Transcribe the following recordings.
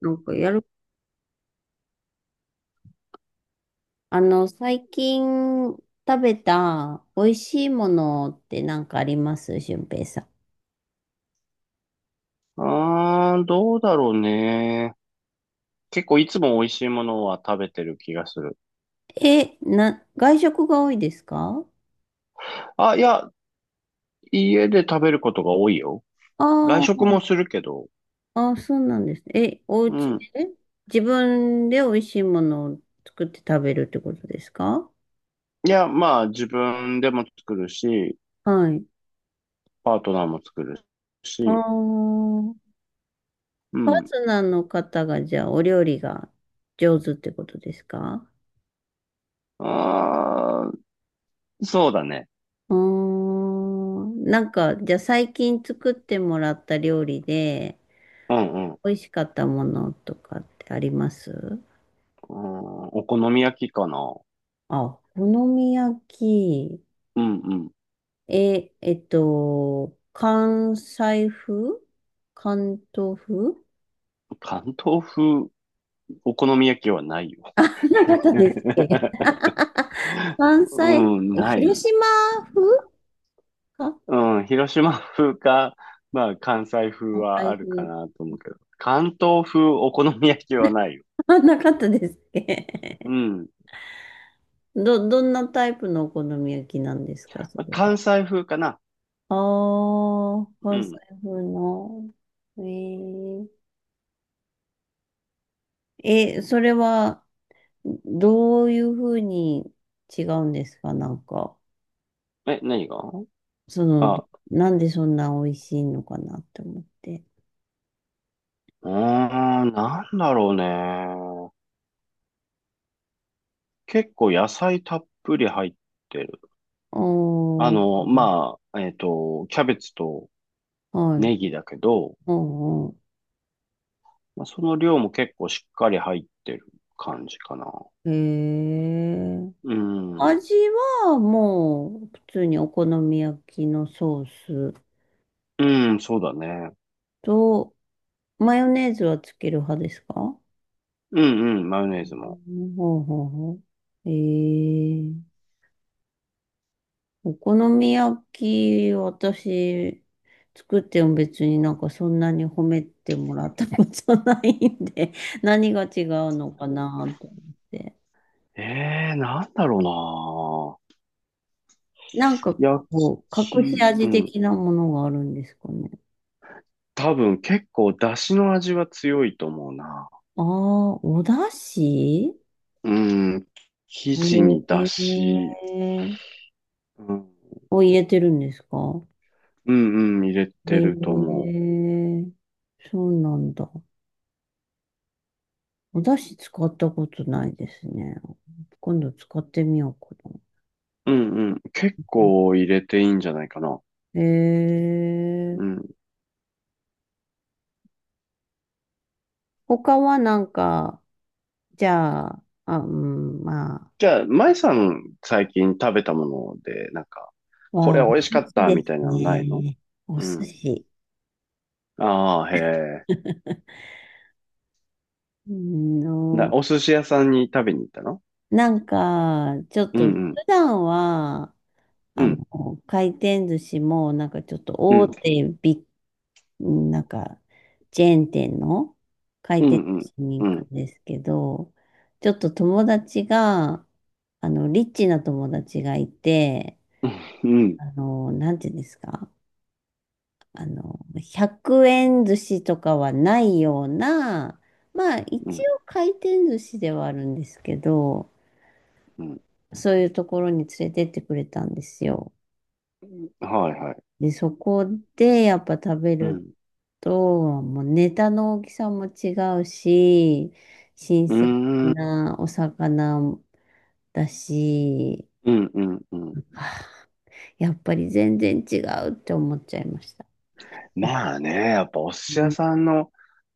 なんかやる、最近食べた美味しいものってなんかあります俊平さん。うーん、どうだろうね。結構いつも美味しいものは食べてる気がする。外食が多いですか？あ、いや、家で食べることが多いよ。あ外あ、食もするけど。あ、そうなんですね。え、おう家ん。で自分で美味しいものを作って食べるってことですか？いや、まあ自分でも作るし、はい。パートナーも作るあし。あ、うパーん。トナーの方がじゃあお料理が上手ってことですか？あー、そうだね。うーん。なんか、じゃあ最近作ってもらった料理で、うんうん。う美味しかったものとかってあります？ん、お好み焼きかな。あ、お好み焼き。うんうん。関西風関東風関東風お好み焼きはないよ。なかな方ですっけ？ 関西風、うん、えない。広島風かうん、広島風か、まあ関西風関は西あるか風。なと思うけど、関東風お好み焼きはないよ。あなかったですっうけ？ん。どんなタイプのお好み焼きなんですかそまあれは。関西風かな。ああ、う関西ん。風の。えー、え、それは、どういうふうに違うんですかなんか、え、何がその、あ、うなんでそんな美味しいのかなって思って。ーなんだろうね。結構野菜たっぷり入ってる。あー、キャベツとはい。ネギだけど、うんうまあ、その量も結構しっかり入ってる感じかな。ん。へえ。うん。味はもう、普通にお好み焼きのソースうん、そうだね。と、マヨネーズはつける派ですか？うんうん、マヨネうーズも。んほうほうほう。へえ。お好み焼き、私、作っても別になんかそんなに褒めてもらったことないんで、何が違うのかなと思って。ええ、なんだろなんかうな。焼こう、隠しき、う味ん。的なものがあるんですかね。多分結構出汁の味は強いと思うな。ああ、お出汁、うん。生地に出え汁、え、うん、を入れてるんですか？うんうん、入れてるとえ思え、そうなんだ。お出汁使ったことないですね。今度使ってみようかな。う。うんうん。結構入れていいんじゃないかな。えうえ、ん。他はなんか、じゃあ、あ、うん、まじゃあ、舞さん最近食べたもので、なんか、あ、こわあ、れお寿美味しかっ司たでみすたいなのないの？ね。おう寿ん。司。ああ、へえ。うんな、の、お寿司屋さんに食べに行ったの？なんか、ちょっうんうと、普ん。段は、うあの、ん。回転寿司も、なんかちょっとう大ん。手ビッ、なんか、チェーン店の回うん転寿うん。司にう行くん。んですけど、ちょっと友達が、リッチな友達がいて、うん、なんていうんですか、100円寿司とかはないような、まあう一ん、応回転寿司ではあるんですけど、うん。そういうところに連れてってくれたんですよ。はいはい。で、そこでやっぱ食べうるん。と、もうネタの大きさも違うし、新う鮮ーん。なお魚だし、うん、うん、うん。はあ、やっぱり全然違うって思っちゃいました。まあね、やっぱお寿司う屋ん、さんの、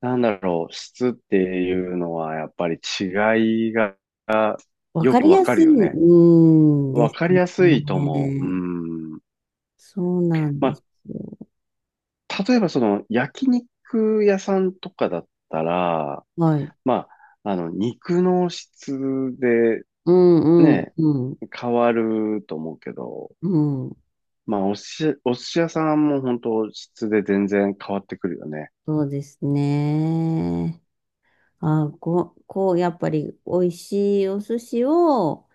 なんだろう、質っていうのは、やっぱり違いがわよかくりわやかするい、ようね。ん、でわすかりやすいと思う。ね。うん。そうなんでますよ。あ、例えばその焼肉屋さんとかだったら、はい。ま肉の質でうんうんね、うん。変わると思うけど、うん。まあ、お寿司、お寿司屋さんも本当質で全然変わってくるよね。そうですね。やっぱり美味しいお寿司を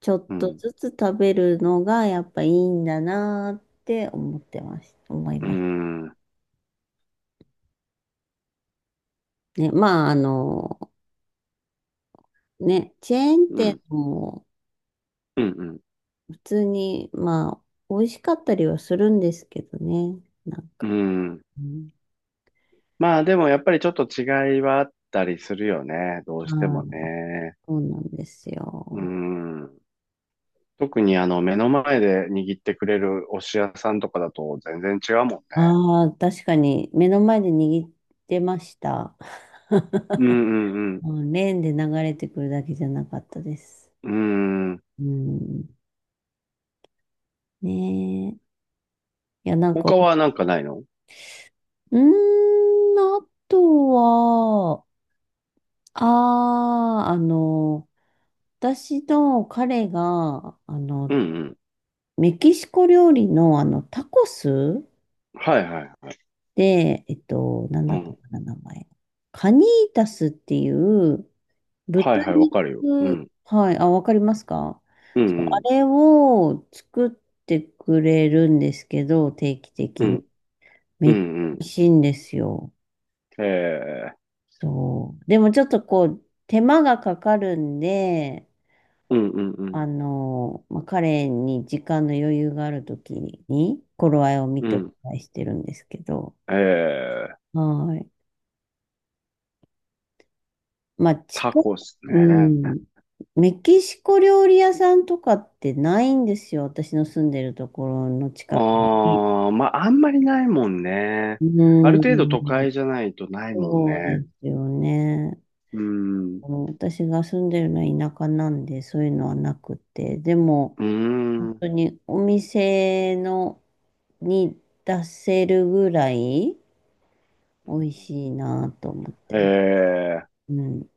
ちょっうとん。ずつ食べるのがやっぱいいんだなって思ってます。思いうん。ます。うん。ね。まあ、ね、チェーンう店ん。もうん。普通に、まあ、美味しかったりはするんですけどね。なんうか。んうん、まあ、でもやっぱりちょっと違いはあったりするよね。どうしてはもい、ね。そうなんですうよ。ん。特にあの、目の前で握ってくれるお寿司屋さんとかだと全然違うもんね。ああ、確かに目の前で握ってました。うんうんうん、レーンで流れてくるだけじゃなかったです。うん。うん。うん。ねえ。いや、なんか、う他はなんかないの？ーん、あとは、ああ、あの、私の彼が、うんうん。メキシコ料理の、タコスはいはい。で、なんうだったん。かな、名前。カニータスっていう、はい豚はい、わかるよ。う肉、ん。はい、あ、わかりますか？うんそう、うあん。れを作ってくれるんですけど、定期う的に。ん。めうっちゃ美んう味しいんですよ。ん。へえ。そう。でもちょっとこう、手間がかかるんで、うんうんうんまあ、彼に時間の余裕があるときに、頃合いを見うておん。願いしてるんですけど、ええ、はい。まあ、タ近く、コっすうね。ん、メキシコ料理屋さんとかってないんですよ。私の住んでるところの近くに。ああ、まあ、あんまりないもんね。うある程度都ん、会じゃないとないもんそうね。ですよね。うん。うあの私が住んでるのは田舎なんで、そういうのはなくて。でも、本ん。当にお店のに出せるぐらい美味しいなと思ってえます。え、うん、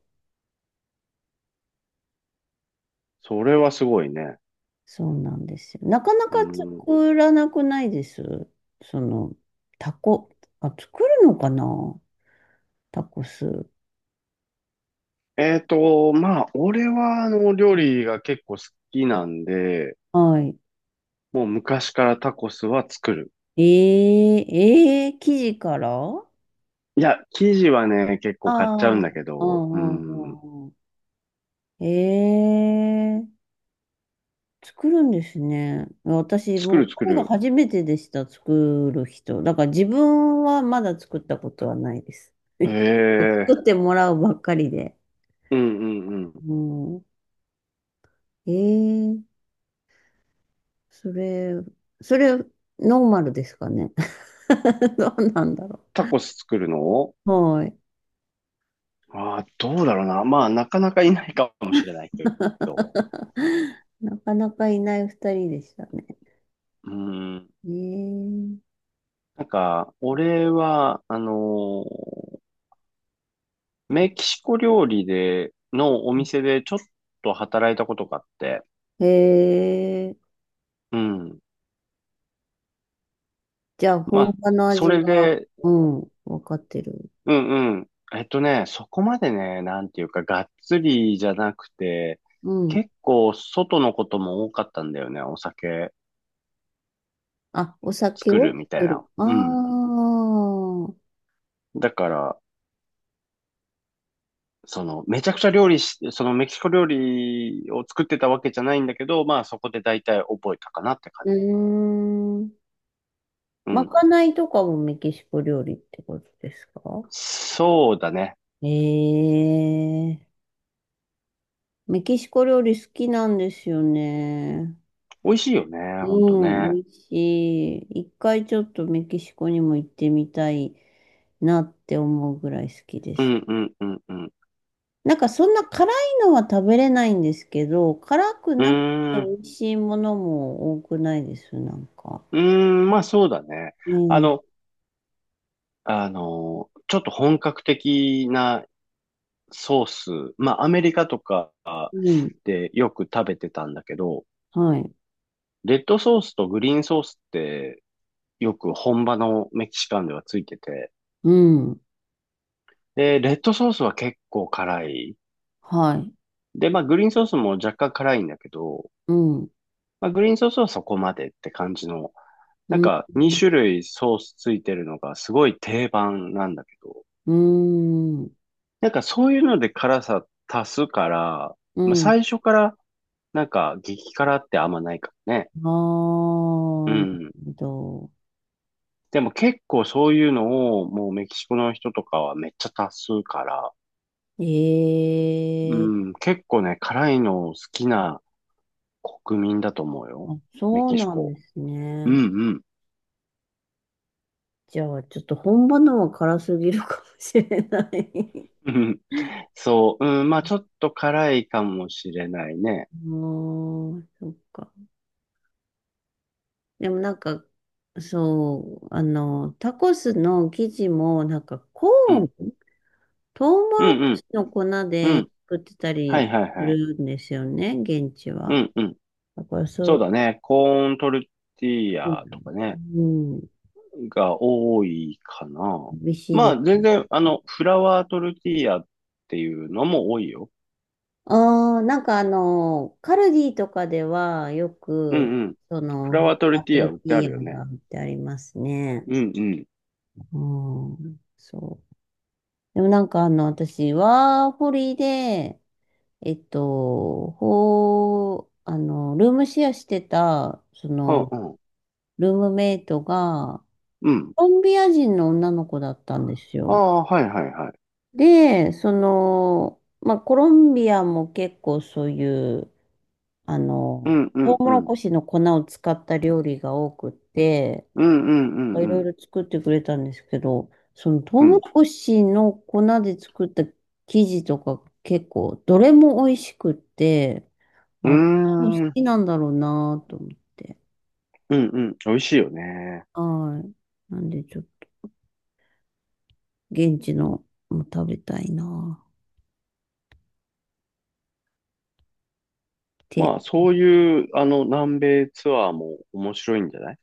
それはすごいね。そうなんですよ。なかなうかん。作らなくないです。その、タコ。あ、作るのかなタコス。俺は、あの、料理が結構好きなんで、はい。もう昔からタコスは作る。えー、えー、生地からあ、いや、生地はね、結構買っちゃうあんだー、けうど、うんうんん。うんうん。えー、作るんですね。私、作もう、る作これがる。初めてでした、作る人。だから自分はまだ作ったことはないです。ええ作ってもらうばっかりで。うんうんうん。うん。えー、それ、それ、ノーマルですかね。どうなんだろタコス作るの？う。はい。ああー、どうだろうな。まあ、なかなかいないかもしれないけど。なかなかいない二人でしたね。うん。ねなんか、俺は、メキシコ料理で、のお店でちょっと働いたことがあって。え。へえ。うん。じゃあ、ま本あ、場のそ味れが、で、うん、わかってる。うんうん。えっとね、そこまでね、なんていうか、がっつりじゃなくて、うん。結構外のことも多かったんだよね。お酒あ、お酒作をるみたい作る。な。あうん。あ。だから、その、めちゃくちゃ料理し、そのメキシコ料理を作ってたわけじゃないんだけど、まあそこで大体覚えたかなって感うーじ。ん。うまん。かないとかもメキシコ料理ってことですか？そうだね。ええ。メキシコ料理好きなんですよね。美味しいよね、ほんとうん、ね。美味しい。一回ちょっとメキシコにも行ってみたいなって思うぐらい好きでうす。んうんうんうん。なんかそんな辛いのは食べれないんですけど、辛くうーなくて美ん、味しいものも多くないです、なんか。うーまあそうだね。うあん、の、あの、ちょっと本格的なソース、まあアメリカとかうん、でよく食べてたんだけど、はい、レッドソースとグリーンソースってよく本場のメキシカンではついてて、うん、で、レッドソースは結構辛い。はい、で、まあ、グリーンソースも若干辛いんだけど、うん、まあ、グリーンソースはそこまでって感じの、うなんん、か2種類ソースついてるのがすごい定番なんだけど、うん、なんかそういうので辛さ足すから、うまあ、ん。最初からなんか激辛ってあんまないからね。ああうー、なるん。ほど。でも結構そういうのをもうメキシコの人とかはめっちゃ足すから、うええ、ん、結構ね、辛いの好きな国民だと思うよ。あ、メそうキシなんでコ。すうんね。うん。じゃあ、ちょっと本場のは辛すぎるかもしれない。うんうん。 そう、うん、まあちょっと辛いかもしれないね。もうん、そっか。でもなんか、そう、タコスの生地も、なんかコうーン、ん、トウモうロコん、シの粉うん、うでん。作ってたはいりはいすはい。るんですよね、現地うは。ん、うん。だからそそうう、だね。コーントルティーうヤとん、かね、うん、が多いかな。美味しいまであす全ね。然、あの、フラワートルティーヤっていうのも多いよ。ああ、なんかあの、カルディとかではようく、んうん。そフの、ラワートアルッティプーヤル売テってィあるーよヤがね。売ってありますね。うんうん。うん、そう。でもなんかあの、私、ワーホリで、えっと、ほう、あの、ルームシェアしてた、そはの、あうん。ルームメイトが、うん。コロンビア人の女の子だったんですあよ。あ、はいはいはい。で、その、まあ、コロンビアも結構そういう、あうの、んうトんウうモロん。コシの粉を使った料理が多くって、うんうんうんいうろいん。ろ作ってくれたんですけど、そのトうウモロん。コシの粉で作った生地とか結構、どれも美味しくって、うーあ、多分好ん。きなんだろうなと思って。うんうん。美味しいよね。はい。なんでちょっと現地のも食べたいなって。まあ、そういう、あの、南米ツアーも面白いんじゃない？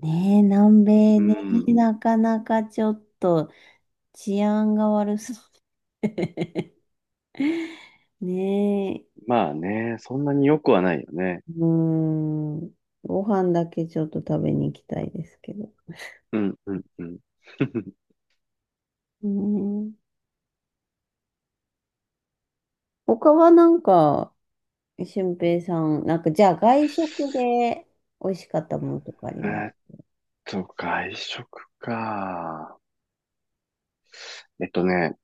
ねえ、南米うね、ん。なかなかちょっと治安が悪そう。ねえ、まあね、そんなに良くはないよね。うーん。ご飯だけちょっと食べに行きたいですけど。うんうんうん。うーん。他はなんか、俊平さん、なんか、じゃあ外食で美味しかったものとかありえます？ーっと、外食か。えっとね、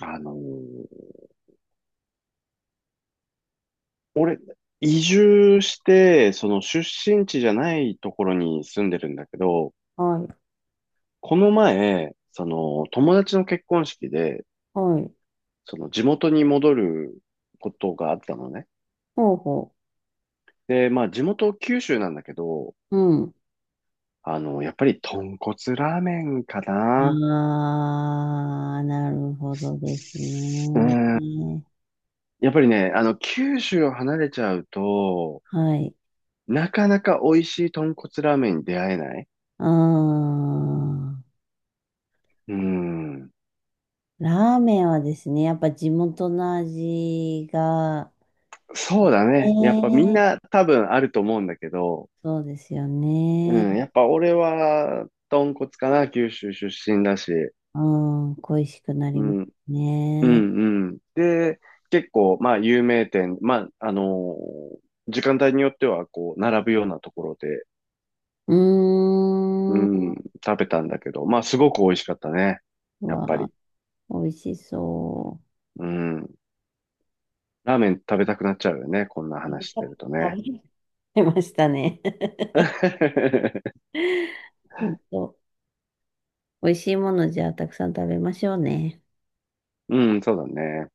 あのー俺、移住して、その出身地じゃないところに住んでるんだけど、はい。この前、その友達の結婚式で、はい。その地元に戻ることがあったのね。ほうほで、まあ、地元九州なんだけど、う。うん。あの、やっぱり豚骨ラーメンかな。ああ、なるほどですうん。ね。やっぱりね、あの、九州を離れちゃうと、はい。なかなか美味しい豚骨ラーメンに出会えない。ああ、うん。ラーメンはですね、やっぱ地元の味が、そうだね。やっぱみんええ、な多分あると思うんだけど、そうですようね。ん。やっぱ俺は豚骨かな。九州出身だし。ああ、恋しくなりうますん。うね。んうん。で、結構、まあ、有名店、ー時間帯によっては、こう、並ぶようなところで、ううーん。ん、食べたんだけど、まあ、すごく美味しかったね。うやっぱわあ、り。美味しそうん。ラーメン食べたくなっちゃうよね。こんなう。話してると食ね。べちゃいましたね。本当、美味しいものじゃあたくさん食べましょうね。うん、そうだね。